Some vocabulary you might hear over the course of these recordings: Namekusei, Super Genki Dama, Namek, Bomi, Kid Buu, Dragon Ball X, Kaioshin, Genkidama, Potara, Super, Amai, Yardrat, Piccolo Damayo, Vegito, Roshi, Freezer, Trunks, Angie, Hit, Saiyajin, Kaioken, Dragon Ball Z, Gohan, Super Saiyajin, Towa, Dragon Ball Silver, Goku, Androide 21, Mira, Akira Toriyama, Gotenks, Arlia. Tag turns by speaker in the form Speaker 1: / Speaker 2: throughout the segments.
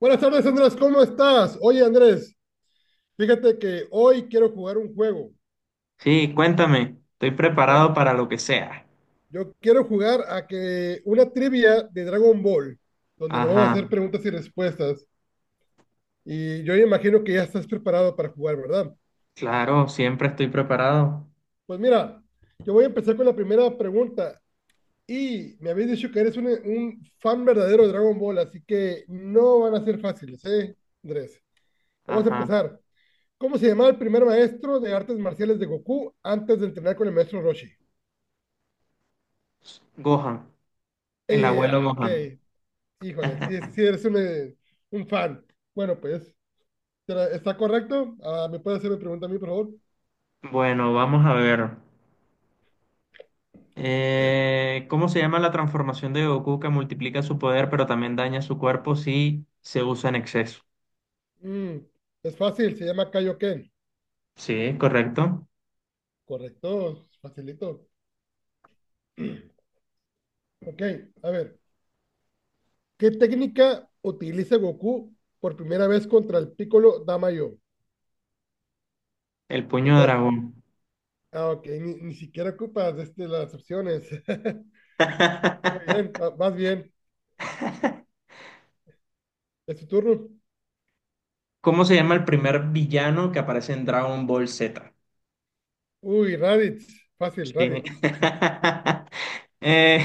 Speaker 1: Buenas tardes, Andrés, ¿cómo estás? Oye, Andrés, fíjate que hoy quiero jugar un juego.
Speaker 2: Sí, cuéntame, estoy preparado
Speaker 1: Vamos,
Speaker 2: para lo que sea.
Speaker 1: yo quiero jugar a que una trivia de Dragon Ball, donde nos vamos a
Speaker 2: Ajá,
Speaker 1: hacer preguntas y respuestas. Y yo imagino que ya estás preparado para jugar, ¿verdad?
Speaker 2: claro, siempre estoy preparado.
Speaker 1: Pues mira, yo voy a empezar con la primera pregunta. Y me habéis dicho que eres un fan verdadero de Dragon Ball, así que no van a ser fáciles, ¿eh, Andrés? Vamos a
Speaker 2: Ajá,
Speaker 1: empezar. ¿Cómo se llamaba el primer maestro de artes marciales de Goku antes de entrenar con el maestro Roshi?
Speaker 2: Gohan, el abuelo
Speaker 1: Ok.
Speaker 2: Gohan.
Speaker 1: Híjole, sí, sí, sí, eres un un fan. Bueno, pues, ¿está correcto? ¿Me puede hacer una pregunta a mí, por favor?
Speaker 2: Bueno, vamos a ver. ¿Cómo se llama la transformación de Goku que multiplica su poder pero también daña su cuerpo si se usa en exceso?
Speaker 1: Mm, es fácil, se llama Kaioken.
Speaker 2: Sí, correcto.
Speaker 1: Correcto, facilito. Ok, a ver. ¿Qué técnica utiliza Goku por primera vez contra el Piccolo Damayo?
Speaker 2: El
Speaker 1: Te
Speaker 2: puño de
Speaker 1: puedo-
Speaker 2: dragón.
Speaker 1: Ah, ok, ni siquiera ocupas este, las opciones. Muy bien, vas bien. Es tu turno.
Speaker 2: ¿Cómo se llama el primer villano que aparece en Dragon Ball Z?
Speaker 1: Uy, Raditz. Fácil,
Speaker 2: Sí.
Speaker 1: Raditz.
Speaker 2: Eh,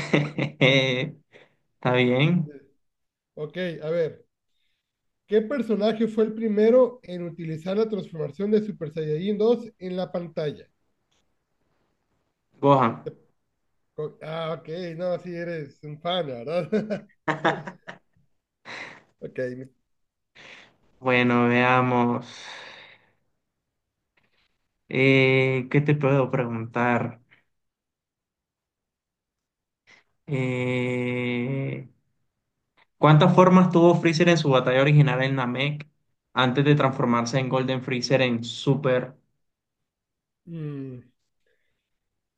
Speaker 2: Está bien.
Speaker 1: Ok, a ver. ¿Qué personaje fue el primero en utilizar la transformación de Super Saiyajin dos en la pantalla?
Speaker 2: Gohan.
Speaker 1: Ah, ok, no, sí eres un fan, ¿verdad? Ok,
Speaker 2: Bueno, veamos. ¿Qué te puedo preguntar? Eh, ¿Cuántas formas tuvo Freezer en su batalla original en Namek antes de transformarse en Golden Freezer en Super?
Speaker 1: mm,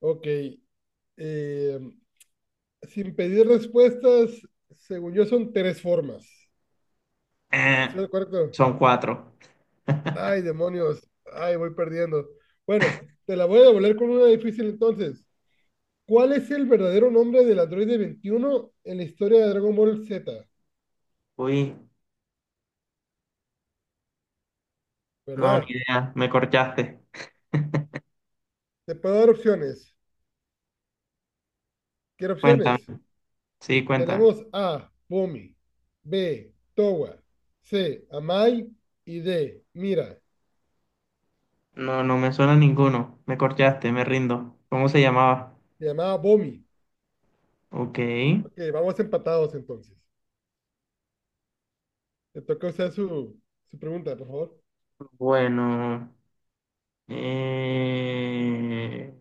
Speaker 1: ok. eh, Sin pedir respuestas, según yo son tres formas.
Speaker 2: Eh,
Speaker 1: ¿Estoy de acuerdo?
Speaker 2: Son cuatro.
Speaker 1: Ay, demonios, ay, voy perdiendo. Bueno, te la voy a devolver con una difícil entonces. ¿Cuál es el verdadero nombre del androide 21 en la historia de Dragon Ball Z?
Speaker 2: Uy, no, ni
Speaker 1: ¿Verdad?
Speaker 2: idea. Me corchaste.
Speaker 1: Te puedo dar opciones. ¿Qué
Speaker 2: Cuéntame.
Speaker 1: opciones?
Speaker 2: Sí, cuéntame.
Speaker 1: Tenemos A, Bomi, B, Towa, C, Amai y D, Mira.
Speaker 2: No, no me suena ninguno. Me corchaste, me rindo. ¿Cómo se llamaba?
Speaker 1: Se llamaba Bomi.
Speaker 2: Ok.
Speaker 1: Ok, vamos empatados entonces. Le toca usar su pregunta, por favor.
Speaker 2: Bueno. Eh...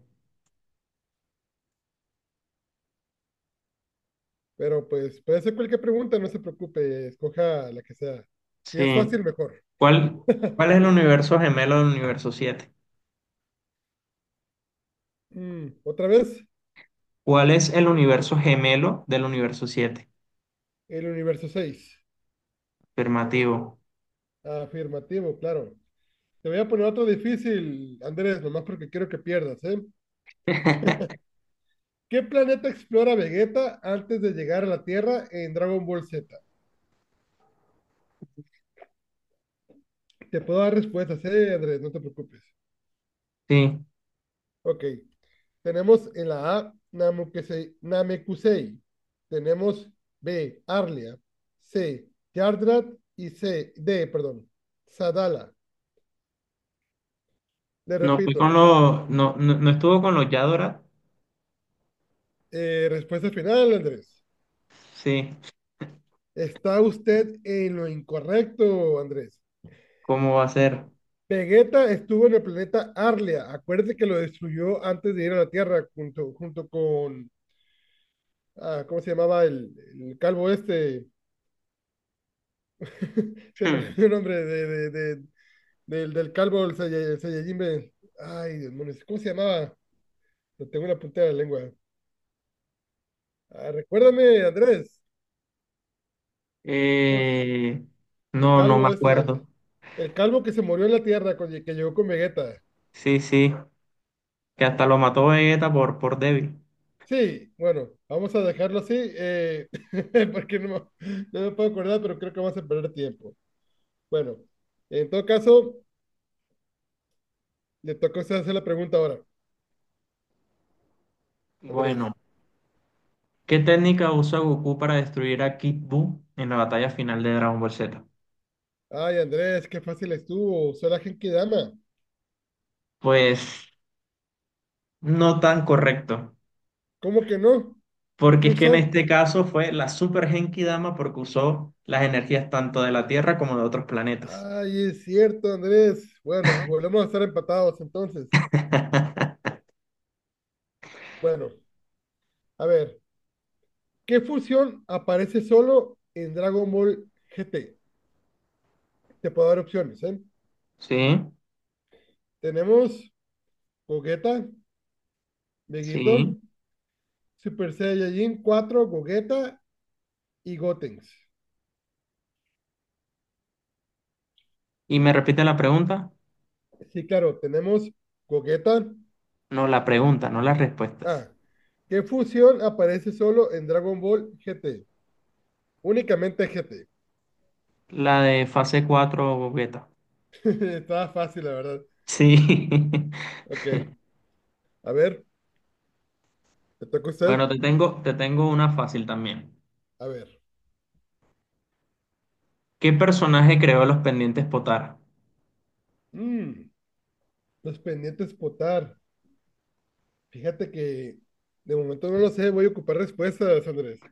Speaker 1: Pero pues puede ser cualquier pregunta, no se preocupe, escoja la que sea. Si es
Speaker 2: Sí.
Speaker 1: fácil, mejor.
Speaker 2: ¿Cuál, cuál es el universo gemelo del universo 7?
Speaker 1: Otra vez,
Speaker 2: ¿Cuál es el universo gemelo del universo 7?
Speaker 1: el universo seis.
Speaker 2: Afirmativo.
Speaker 1: Afirmativo, claro. Te voy a poner otro difícil, Andrés, nomás porque quiero que pierdas, ¿eh? ¿Qué planeta explora Vegeta antes de llegar a la Tierra en Dragon Ball Z? Te puedo dar respuestas, Andrés, no te preocupes.
Speaker 2: Sí.
Speaker 1: Ok, tenemos en la A Namekusei, Namekusei. Tenemos B, Arlia, C, Yardrat y D, perdón, Sadala. Le
Speaker 2: No fui con
Speaker 1: repito,
Speaker 2: los. No, no, no estuvo con los Yadora.
Speaker 1: respuesta final, Andrés.
Speaker 2: Sí.
Speaker 1: Está usted en lo incorrecto, Andrés.
Speaker 2: ¿Cómo va a ser?
Speaker 1: Vegeta estuvo en el planeta Arlia. Acuérdate que lo destruyó antes de ir a la Tierra junto con... Ah, ¿cómo se llamaba el calvo este? Se me
Speaker 2: Hmm.
Speaker 1: olvidó el nombre de- del, del calvo, el el Saiyajin. Ay, demonios, ¿cómo se llamaba? Lo tengo una punta de la lengua. Ah, recuérdame, Andrés. ¿Cómo se-
Speaker 2: Eh,
Speaker 1: El
Speaker 2: no, no me
Speaker 1: calvo este,
Speaker 2: acuerdo.
Speaker 1: el calvo que se murió en la Tierra, que llegó con Vegeta.
Speaker 2: Sí, sí. Que hasta lo mató Vegeta por débil.
Speaker 1: Sí, bueno, vamos a dejarlo así, porque no me puedo acordar, pero creo que vamos a perder tiempo. Bueno, en todo caso, le tocó a usted hacer la pregunta ahora, Andrés.
Speaker 2: Bueno. ¿Qué técnica usa Goku para destruir a Kid Buu en la batalla final de Dragon Ball Z?
Speaker 1: Ay, Andrés, qué fácil estuvo, usó la Genkidama.
Speaker 2: Pues no tan correcto.
Speaker 1: ¿Cómo que no?
Speaker 2: Porque
Speaker 1: ¿Qué
Speaker 2: es que en
Speaker 1: usó?
Speaker 2: este caso fue la Super Genki Dama porque usó las energías tanto de la Tierra como de otros planetas.
Speaker 1: Ay, es cierto, Andrés. Bueno, volvemos a estar empatados entonces. Bueno, a ver, ¿qué fusión aparece solo en Dragon Ball GT? Te puedo dar opciones, ¿eh?
Speaker 2: Sí,
Speaker 1: Tenemos Gogeta, Vegito,
Speaker 2: sí.
Speaker 1: Super Saiyajin cuatro Gogeta y Gotenks.
Speaker 2: Y me repite la pregunta.
Speaker 1: Sí, claro, tenemos Gogeta.
Speaker 2: No, la pregunta, no las respuestas.
Speaker 1: Ah, ¿qué fusión aparece solo en Dragon Ball GT? Únicamente GT.
Speaker 2: La de fase cuatro beta.
Speaker 1: Estaba fácil, la verdad.
Speaker 2: Sí.
Speaker 1: Ok, a ver, ¿te toca a usted?
Speaker 2: Bueno, te tengo una fácil también.
Speaker 1: A ver.
Speaker 2: ¿Qué personaje creó los pendientes Potara?
Speaker 1: Mm, los pendientes potar. Fíjate que de momento no lo sé, voy a ocupar respuestas, Andrés.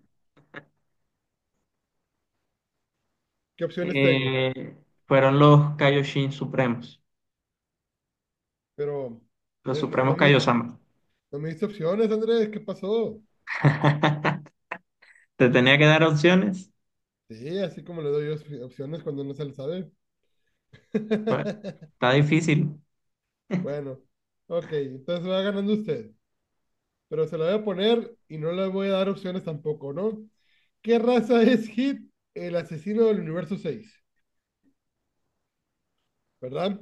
Speaker 1: ¿Qué opciones tengo?
Speaker 2: Eh, Fueron los Kaioshin Supremos,
Speaker 1: Pero
Speaker 2: los
Speaker 1: no,
Speaker 2: Supremos Kaiosama.
Speaker 1: no me diste opciones, Andrés, ¿qué pasó?
Speaker 2: ¿Te tenía que dar opciones?
Speaker 1: Sí, así como le doy opciones cuando no se le sabe.
Speaker 2: Bueno, está difícil.
Speaker 1: Bueno, ok, entonces va ganando usted, pero se la voy a poner y no le voy a dar opciones tampoco, ¿no? ¿Qué raza es Hit, el asesino del universo Seis, ¿verdad?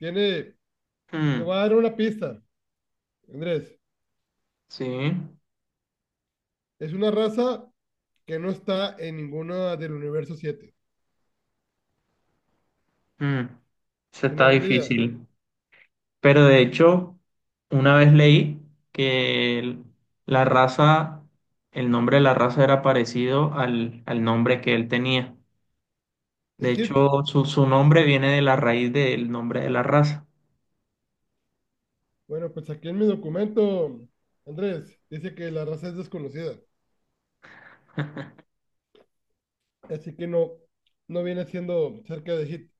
Speaker 1: Tiene, te
Speaker 2: Mm,
Speaker 1: voy a dar una pista, Andrés.
Speaker 2: sí,
Speaker 1: Es una raza que no está en ninguna del universo 7.
Speaker 2: mm, eso
Speaker 1: ¿Tiene
Speaker 2: está
Speaker 1: alguna idea
Speaker 2: difícil. Pero de hecho, una vez leí que la raza, el nombre de la raza era parecido al nombre que él tenía.
Speaker 1: de
Speaker 2: De
Speaker 1: Hit?
Speaker 2: hecho, su nombre viene de la raíz del nombre de la raza.
Speaker 1: Bueno, pues aquí en mi documento, Andrés, dice que la raza es desconocida. Así que no, no viene siendo cerca de hit.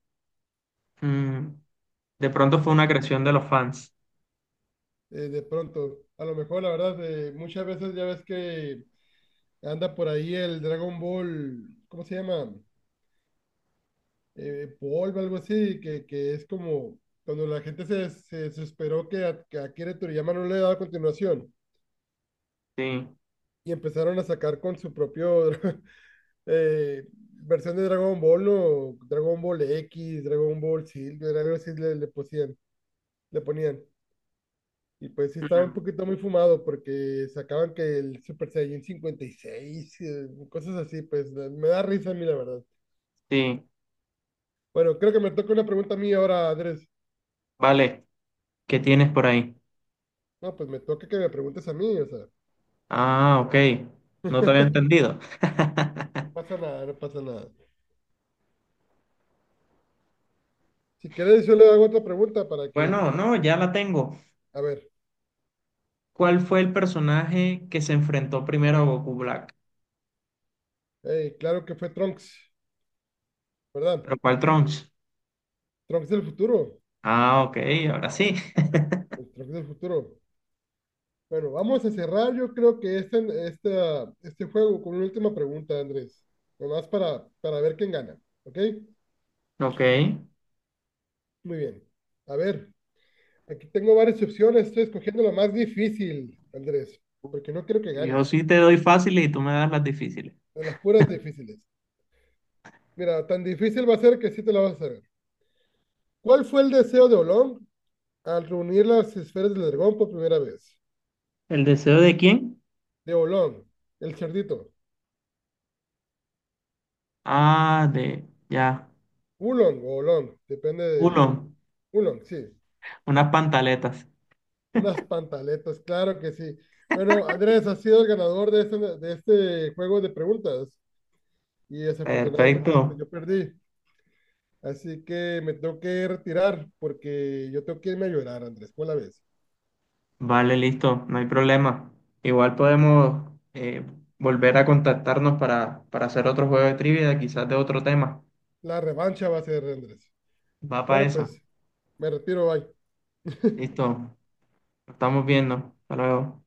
Speaker 2: Mm, de pronto fue una creación de los fans.
Speaker 1: De pronto. A lo mejor, la verdad, muchas veces ya ves que anda por ahí el Dragon Ball, ¿cómo se llama? Polvo, algo así, que es como cuando la gente se desesperó que a Akira Toriyama no le daba continuación
Speaker 2: Sí,
Speaker 1: y empezaron a sacar con su propio eh, versión de Dragon Ball, ¿no? Dragon Ball X, Dragon Ball Silver, algo así le ponían. Y pues sí estaba un
Speaker 2: mm,
Speaker 1: poquito muy fumado porque sacaban que el Super Saiyan 56, cosas así, me da risa a mí, la verdad.
Speaker 2: sí,
Speaker 1: Bueno, creo que me toca una pregunta a mí ahora, Andrés.
Speaker 2: vale. ¿Qué tienes por ahí?
Speaker 1: No, pues me toca que me preguntes a mí, o sea,
Speaker 2: Ah, ok. No te había entendido.
Speaker 1: no pasa nada, no pasa nada. Si quieres, yo le hago otra pregunta para que,
Speaker 2: Bueno, no, ya la tengo.
Speaker 1: a ver,
Speaker 2: ¿Cuál fue el personaje que se enfrentó primero a Goku Black?
Speaker 1: claro que fue Trunks, ¿verdad?
Speaker 2: ¿Pero cuál Trunks?
Speaker 1: Trunks del futuro,
Speaker 2: Ah, ok, ahora sí.
Speaker 1: el Trunks del futuro. Bueno, vamos a cerrar yo creo que este juego con una última pregunta, Andrés. Nomás para ver quién gana. ¿Ok?
Speaker 2: Ok.
Speaker 1: Muy bien. A ver, aquí tengo varias opciones. Estoy escogiendo la más difícil, Andrés, porque no quiero que
Speaker 2: Yo
Speaker 1: ganes.
Speaker 2: sí te doy fáciles y tú me das las difíciles.
Speaker 1: De las puras difíciles. Mira, tan difícil va a ser que sí te la vas a saber. ¿Cuál fue el deseo de Olón al reunir las esferas del dragón por primera vez?
Speaker 2: ¿El deseo de quién?
Speaker 1: De Olón, el cerdito.
Speaker 2: Ah, Ya.
Speaker 1: Ulong o Olong, depende
Speaker 2: Uno.
Speaker 1: de... Ulong, sí.
Speaker 2: Unas pantaletas.
Speaker 1: Unas pantaletas, claro que sí. Bueno, Andrés, has sido el ganador de de este juego de preguntas y desafortunadamente pues
Speaker 2: Perfecto.
Speaker 1: yo perdí. Así que me tengo que retirar porque yo tengo que irme a llorar, Andrés. ¿Cuál la ves?
Speaker 2: Vale, listo. No hay problema. Igual podemos volver a contactarnos para hacer otro juego de trivia, quizás de otro tema.
Speaker 1: La revancha va a ser, Andrés.
Speaker 2: Va para
Speaker 1: Bueno,
Speaker 2: esa.
Speaker 1: pues me retiro, bye.
Speaker 2: Listo. Estamos viendo. Hasta luego.